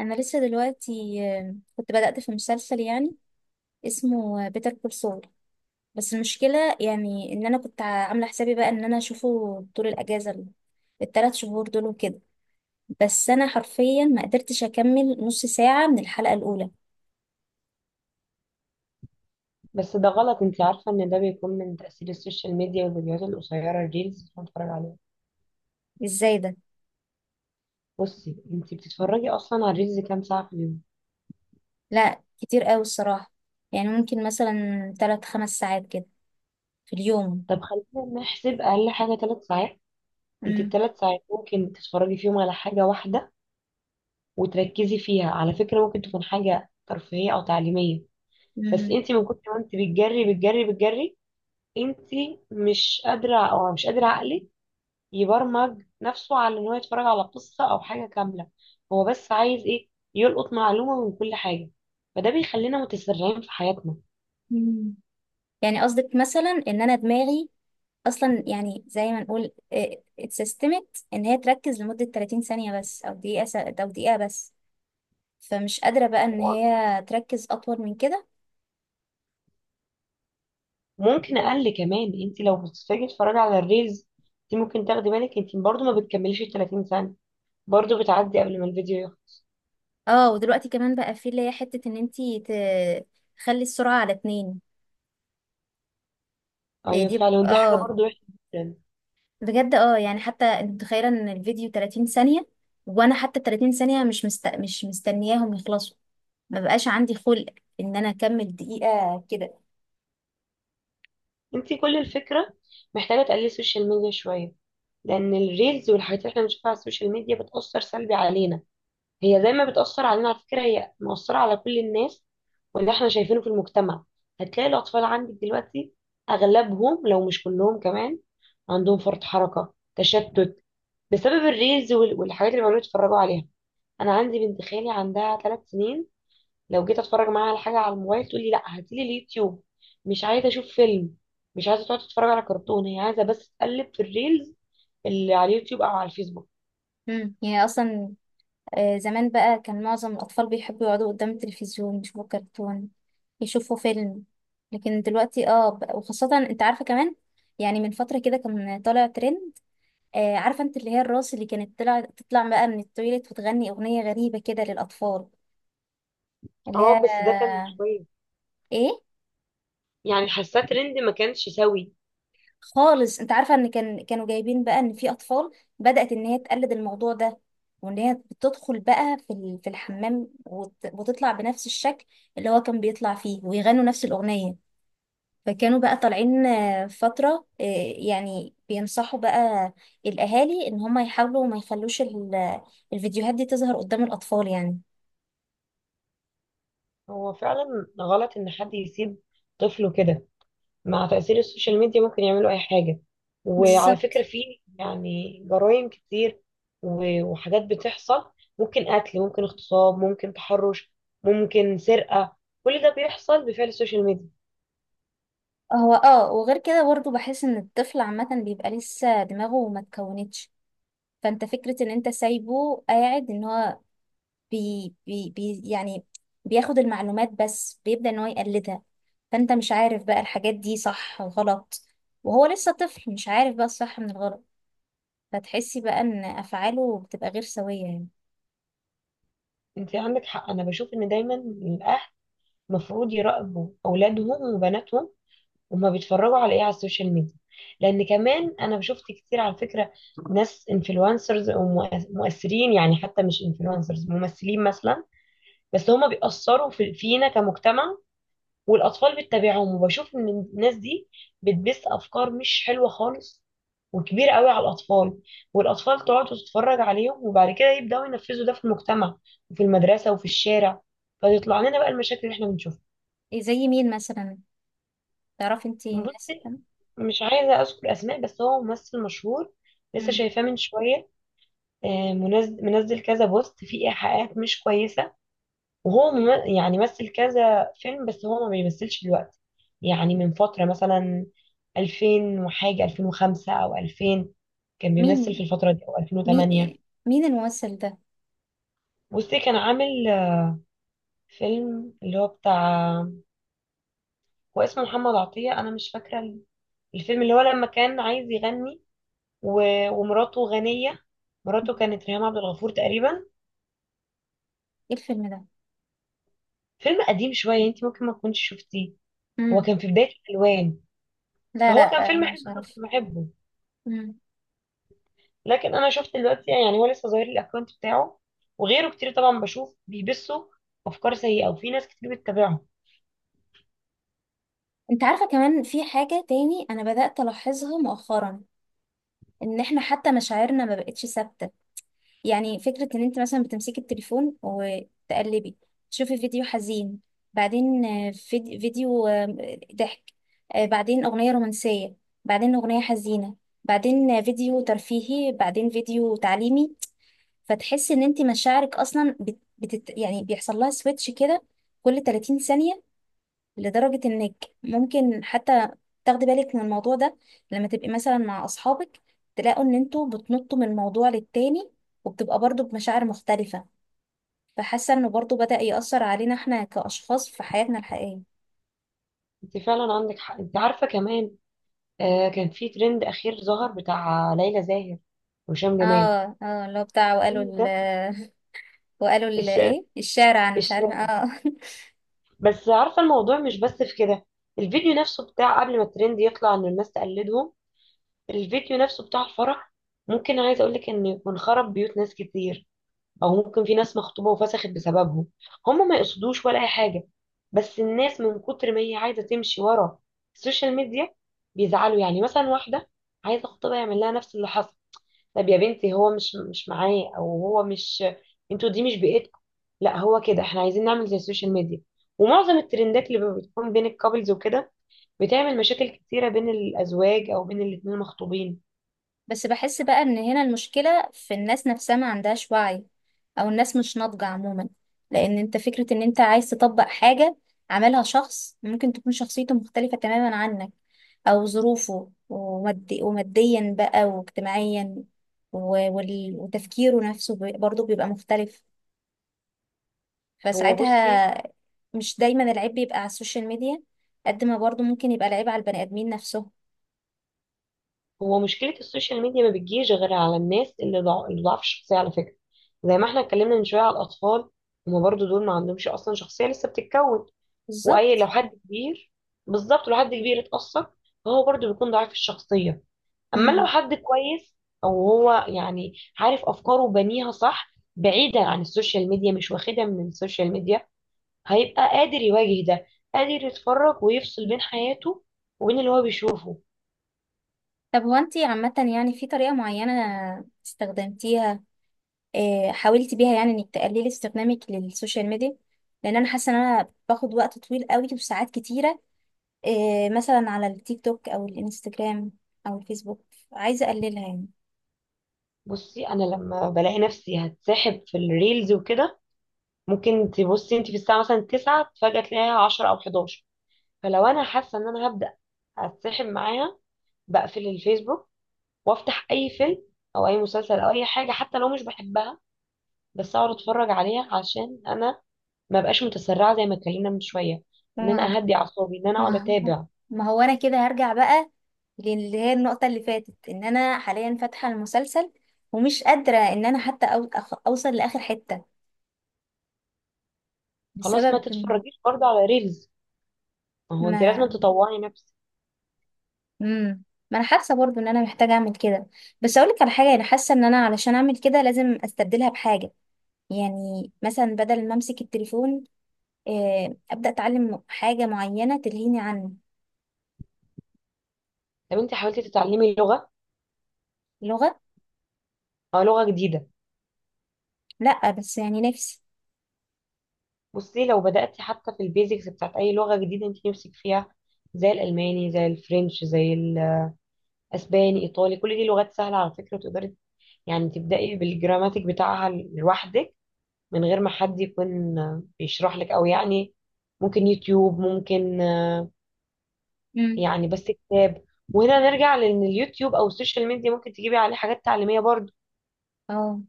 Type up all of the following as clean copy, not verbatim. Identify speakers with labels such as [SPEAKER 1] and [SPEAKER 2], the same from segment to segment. [SPEAKER 1] انا لسه دلوقتي كنت بدأت في مسلسل يعني اسمه بيتر كول سول. بس المشكلة يعني ان انا كنت عاملة حسابي بقى ان انا اشوفه طول الاجازة التلات شهور دول وكده. بس انا حرفيا ما قدرتش اكمل نص ساعة من الحلقة الاولى.
[SPEAKER 2] بس ده غلط. انت عارفة ان ده بيكون من تأثير السوشيال ميديا والفيديوهات القصيرة الريلز اللي بنتفرج عليها.
[SPEAKER 1] ازاي ده؟
[SPEAKER 2] بصي، انت بتتفرجي اصلا على الريلز كام ساعة في اليوم؟
[SPEAKER 1] لا، كتير قوي الصراحة. يعني ممكن مثلا 3-5 ساعات كده في اليوم.
[SPEAKER 2] طب خلينا نحسب اقل حاجة 3 ساعات. انت
[SPEAKER 1] مم.
[SPEAKER 2] ب 3 ساعات ممكن تتفرجي فيهم على حاجة واحدة وتركزي فيها، على فكرة ممكن تكون حاجة ترفيهية او تعليمية. بس
[SPEAKER 1] مم.
[SPEAKER 2] انت من كتر ما انت بتجري بتجري بتجري، انت مش قادرة، او مش قادرة عقلك يبرمج نفسه على ان هو يتفرج على قصة او حاجة كاملة. هو بس عايز ايه؟ يلقط معلومة من كل حاجة. فده بيخلينا متسرعين في حياتنا.
[SPEAKER 1] مم. يعني قصدك مثلا ان انا دماغي اصلا يعني زي ما نقول إيه، اتسيستمت ان هي تركز لمدة 30 ثانية بس او دقيقة او دقيقة بس. فمش قادرة بقى ان هي تركز اطول من كده.
[SPEAKER 2] ممكن اقل كمان، انت لو بتتفاجئي تتفرجي على الريلز، انت ممكن تاخدي بالك انت برضو ما بتكمليش ال 30 ثانية. برضو بتعدي قبل ما الفيديو يخلص.
[SPEAKER 1] اه، ودلوقتي كمان بقى في اللي هي حتة ان انتي تخلي السرعة على 2. إيه
[SPEAKER 2] ايوه
[SPEAKER 1] دي،
[SPEAKER 2] فعلا، ودي حاجة برضو وحشة جدا.
[SPEAKER 1] بجد يعني حتى انت متخيلة ان الفيديو 30 ثانية، وانا حتى 30 ثانية مش مستنياهم يخلصوا. ما بقاش عندي خلق ان انا اكمل دقيقة كده.
[SPEAKER 2] انت كل الفكرة محتاجة تقللي السوشيال ميديا شوية، لان الريلز والحاجات اللي احنا بنشوفها على السوشيال ميديا بتأثر سلبي علينا. هي زي ما بتأثر علينا، على فكرة هي مؤثرة على كل الناس واللي احنا شايفينه في المجتمع. هتلاقي الأطفال عندك دلوقتي أغلبهم لو مش كلهم كمان عندهم فرط حركة تشتت بسبب الريلز والحاجات اللي بيقعدوا يتفرجوا عليها. أنا عندي بنت خالي عندها 3 سنين، لو جيت أتفرج معاها على حاجة على الموبايل تقول لي لا هاتيلي اليوتيوب، مش عايزة أشوف فيلم، مش عايزة تقعد تتفرج على كرتون، هي عايزة بس تقلب في الريلز اللي على اليوتيوب أو على الفيسبوك.
[SPEAKER 1] يعني اصلا زمان بقى كان معظم الأطفال بيحبوا يقعدوا قدام التلفزيون يشوفوا كرتون، يشوفوا فيلم. لكن دلوقتي وخاصة انت عارفة كمان. يعني من فترة كده كان طالع ترند، عارفة انت اللي هي الراس اللي كانت تطلع بقى من التويليت وتغني أغنية غريبة كده للأطفال، اللي هي
[SPEAKER 2] اه، بس ده كان مش كويس.
[SPEAKER 1] ايه.
[SPEAKER 2] يعني حاساه ترند ما كانش سوي.
[SPEAKER 1] خالص، انت عارفه ان كانوا جايبين بقى ان في اطفال بدات ان هي تقلد الموضوع ده، وان هي بتدخل بقى في في الحمام وتطلع بنفس الشكل اللي هو كان بيطلع فيه ويغنوا نفس الاغنيه. فكانوا بقى طالعين فتره يعني بينصحوا بقى الاهالي ان هم يحاولوا ما يخلوش الفيديوهات دي تظهر قدام الاطفال يعني.
[SPEAKER 2] هو فعلا غلط ان حد يسيب طفله كده. مع تأثير السوشيال ميديا ممكن يعملوا اي حاجة. وعلى فكرة
[SPEAKER 1] بالظبط.
[SPEAKER 2] في يعني جرائم كتير وحاجات بتحصل. ممكن قتل، ممكن اغتصاب، ممكن تحرش، ممكن سرقة. كل ده بيحصل بفعل السوشيال ميديا.
[SPEAKER 1] هو وغير كده برضه بحس ان الطفل عامه بيبقى لسه دماغه ما اتكونتش. فانت فكرة ان انت سايبه قاعد ان هو بي بي بي يعني بياخد المعلومات بس بيبدأ ان هو يقلدها. فانت مش عارف بقى الحاجات دي صح وغلط، وهو لسه طفل مش عارف بقى الصح من الغلط. فتحسي بقى ان افعاله بتبقى غير سوية يعني.
[SPEAKER 2] انت عندك حق. انا بشوف ان دايما الاهل المفروض يراقبوا اولادهم وبناتهم، هما بيتفرجوا على ايه على السوشيال ميديا. لان كمان انا شفت كتير على فكره ناس انفلونسرز ومؤثرين، يعني حتى مش انفلونسرز، ممثلين مثلا، بس هما بيأثروا في فينا كمجتمع. والاطفال بتتابعهم، وبشوف ان الناس دي بتبث افكار مش حلوه خالص، وكبيره قوي على الاطفال. والاطفال تقعد وتتفرج عليهم وبعد كده يبداوا ينفذوا ده في المجتمع وفي المدرسه وفي الشارع. فتطلع لنا بقى المشاكل اللي احنا بنشوفها.
[SPEAKER 1] إيه زي مين مثلا؟ تعرفي انتي
[SPEAKER 2] بص،
[SPEAKER 1] الناس كده؟
[SPEAKER 2] مش عايزة أذكر أسماء، بس هو ممثل مشهور. لسه
[SPEAKER 1] مم.
[SPEAKER 2] شايفاه من شوية. منزل كذا بوست فيه إيحاءات مش كويسة. وهو يعني مثل كذا فيلم، بس هو ما بيمثلش دلوقتي. يعني من فترة، مثلا 2000 وحاجة، 2005 أو 2000 كان بيمثل
[SPEAKER 1] مين،
[SPEAKER 2] في الفترة دي، أو
[SPEAKER 1] مين،
[SPEAKER 2] 2008.
[SPEAKER 1] مين الممثل ده؟
[SPEAKER 2] بصي، كان عامل فيلم، اللي هو بتاع، هو اسمه محمد عطية، أنا مش فاكرة الفيلم، اللي هو لما كان عايز يغني ومراته غنية. مراته كانت ريهام عبد الغفور تقريبا.
[SPEAKER 1] ايه الفيلم ده؟
[SPEAKER 2] فيلم قديم شوية، انت ممكن ما تكونش شفتيه. هو
[SPEAKER 1] مم.
[SPEAKER 2] كان في بداية الألوان.
[SPEAKER 1] لا،
[SPEAKER 2] فهو كان
[SPEAKER 1] لا،
[SPEAKER 2] فيلم حلو
[SPEAKER 1] مش
[SPEAKER 2] انا كنت
[SPEAKER 1] عارف.
[SPEAKER 2] بحبه.
[SPEAKER 1] مم.
[SPEAKER 2] لكن انا شفت دلوقتي، يعني هو لسه ظاهر لي الاكونت بتاعه، وغيره كتير طبعا، بشوف بيبثوا افكار سيئة، وفي ناس كتير بتتابعه.
[SPEAKER 1] انت عارفة كمان في حاجة تاني انا بدأت الاحظها مؤخرا، ان احنا حتى مشاعرنا ما بقتش ثابته. يعني فكره ان انت مثلا بتمسكي التليفون وتقلبي، تشوفي فيديو حزين، بعدين فيديو ضحك، بعدين اغنيه رومانسيه، بعدين اغنيه حزينه، بعدين فيديو ترفيهي، بعدين فيديو تعليمي. فتحسي ان انت مشاعرك اصلا يعني بيحصل لها سويتش كده كل 30 ثانيه. لدرجة انك ممكن حتى تاخدي بالك من الموضوع ده لما تبقي مثلا مع اصحابك، تلاقوا ان انتوا بتنطوا من موضوع للتاني، وبتبقى برضو بمشاعر مختلفة. فحاسة انه برضو بدأ يأثر علينا احنا كأشخاص في حياتنا الحقيقية.
[SPEAKER 2] انت فعلا عندك حق. انت عارفة كمان، آه كان في ترند اخير ظهر بتاع ليلى زاهر وهشام جمال.
[SPEAKER 1] اه، اه، اللي هو بتاع وقالوا
[SPEAKER 2] الترند
[SPEAKER 1] ال
[SPEAKER 2] ده،
[SPEAKER 1] وقالوا ال
[SPEAKER 2] الش...
[SPEAKER 1] ايه الشارع، انا مش
[SPEAKER 2] الش...
[SPEAKER 1] عارفة
[SPEAKER 2] بس عارفة الموضوع مش بس في كده. الفيديو نفسه بتاع قبل ما الترند يطلع ان الناس تقلدهم، الفيديو نفسه بتاع الفرح، ممكن عايز اقولك ان يكون خرب بيوت ناس كتير، او ممكن في ناس مخطوبة وفسخت بسببهم. هم ما يقصدوش ولا اي حاجة، بس الناس من كتر ما هي عايزة تمشي ورا السوشيال ميديا بيزعلوا. يعني مثلا واحدة عايزة خطيبها يعمل لها نفس اللي حصل. طب يا بنتي هو مش معاه، او هو مش، انتوا دي مش بيئتكم. لا هو كده احنا عايزين نعمل زي السوشيال ميديا. ومعظم الترندات اللي بتكون بين الكابلز وكده بتعمل مشاكل كتيرة بين الازواج او بين الاتنين المخطوبين.
[SPEAKER 1] بس بحس بقى ان هنا المشكلة في الناس نفسها، ما عندهاش وعي، او الناس مش ناضجة عموما. لان انت فكرة ان انت عايز تطبق حاجة عملها شخص ممكن تكون شخصيته مختلفة تماما عنك، او ظروفه ومادي وماديا بقى واجتماعيا وتفكيره نفسه برضه بيبقى مختلف
[SPEAKER 2] هو بصي،
[SPEAKER 1] فساعتها. مش دايما العيب بيبقى على السوشيال ميديا، قد ما برضه ممكن يبقى العيب على البني ادمين نفسهم.
[SPEAKER 2] هو مشكلة السوشيال ميديا ما بتجيش غير على الناس اللي اللي ضعف الشخصية، على فكرة. زي ما احنا اتكلمنا من شوية على الاطفال، هما برضو دول ما عندهمش اصلا شخصية، لسه بتتكون. واي لو
[SPEAKER 1] بالظبط.
[SPEAKER 2] حد كبير، بالظبط لو حد كبير اتأثر فهو برضو بيكون ضعيف الشخصية. اما لو
[SPEAKER 1] مم.
[SPEAKER 2] حد كويس وهو يعني عارف افكاره وبنيها صح بعيدا عن السوشيال ميديا، مش واخدها من السوشيال ميديا، هيبقى قادر يواجه ده، قادر يتفرج ويفصل بين حياته وبين اللي هو بيشوفه.
[SPEAKER 1] طب هو انتي عامة، يعني في طريقة معينة استخدمتيها، حاولتي بيها يعني انك تقللي استخدامك للسوشيال ميديا؟ لان انا حاسة ان انا باخد وقت طويل قوي وساعات كتيرة، مثلا على التيك توك او الانستجرام او الفيسبوك. عايزة اقللها يعني.
[SPEAKER 2] بصي، انا لما بلاقي نفسي هتسحب في الريلز وكده، ممكن تبصي انت في الساعه مثلا 9، فجاه تلاقيها 10 او 11. فلو انا حاسه ان انا هبدا هتسحب معاها، بقفل الفيسبوك وافتح اي فيلم او اي مسلسل او اي حاجه حتى لو مش بحبها، بس اقعد اتفرج عليها عشان انا ما بقاش متسرعه زي ما اتكلمنا من شويه، ان
[SPEAKER 1] ما هو
[SPEAKER 2] انا اهدي اعصابي، ان انا اقعد
[SPEAKER 1] ما هو
[SPEAKER 2] اتابع.
[SPEAKER 1] ما هو انا كده هرجع بقى للي هي النقطة اللي فاتت، ان انا حاليا فاتحة المسلسل ومش قادرة ان انا حتى اوصل لاخر حتة
[SPEAKER 2] خلاص ما
[SPEAKER 1] بسبب.
[SPEAKER 2] تتفرجيش برضه على ريلز. ما هو انت لازم
[SPEAKER 1] ما
[SPEAKER 2] تطوعي نفسك.
[SPEAKER 1] امم ما انا حاسه برضو ان انا محتاجه اعمل كده. بس اقول لك على حاجه، انا حاسه ان انا علشان اعمل كده لازم استبدلها بحاجه. يعني مثلا بدل ما امسك التليفون، ابدا اتعلم حاجه معينه تلهيني عن.
[SPEAKER 2] طب انت حاولتي تتعلمي لغه
[SPEAKER 1] لغه.
[SPEAKER 2] او لغه جديده؟
[SPEAKER 1] لا، بس يعني نفسي.
[SPEAKER 2] بصي، لو بداتي حتى في البيزكس بتاعت اي لغه جديده انت نفسك فيها، زي الالماني، زي الفرنش، زي الاسباني، ايطالي، كل دي لغات سهله على فكره. تقدري يعني تبداي بالجراماتيك بتاعها لوحدك، من غير ما حد يكون بيشرح لك، او يعني ممكن يوتيوب، ممكن
[SPEAKER 1] امم
[SPEAKER 2] يعني بس كتاب. وهنا نرجع لان اليوتيوب او السوشيال ميديا ممكن تجيبي عليه حاجات تعليميه برضه.
[SPEAKER 1] اه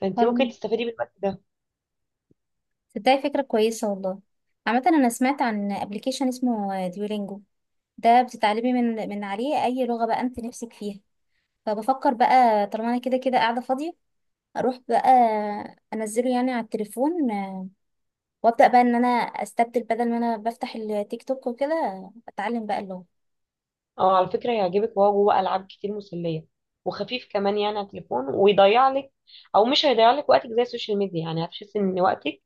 [SPEAKER 2] فانت
[SPEAKER 1] حلو.
[SPEAKER 2] ممكن تستفيدي من الوقت ده.
[SPEAKER 1] تصدقي فكره كويسه والله. عامه انا سمعت عن ابلكيشن اسمه ديولينجو، ده بتتعلمي من عليه اي لغه بقى انت نفسك فيها. فبفكر بقى طالما انا كده كده قاعده فاضيه، اروح بقى انزله يعني على التليفون، وابدا بقى ان انا استبدل، بدل ما انا بفتح التيك توك وكده اتعلم بقى اللغه.
[SPEAKER 2] او على فكره هيعجبك، وهو جوه العاب كتير مسليه، وخفيف كمان يعني على التليفون، ويضيع لك، او مش هيضيع لك وقتك زي السوشيال ميديا، يعني هتحسي ان وقتك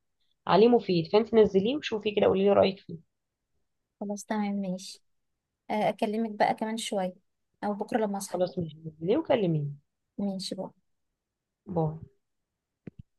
[SPEAKER 2] عليه مفيد. فانت نزليه وشوفي كده، قولي لي رايك فيه.
[SPEAKER 1] خلاص، تمام، ماشي. اكلمك بقى كمان شويه او بكره لما اصحى.
[SPEAKER 2] خلاص ماشي، نزليه وكلميني.
[SPEAKER 1] ماشي بقى.
[SPEAKER 2] باي.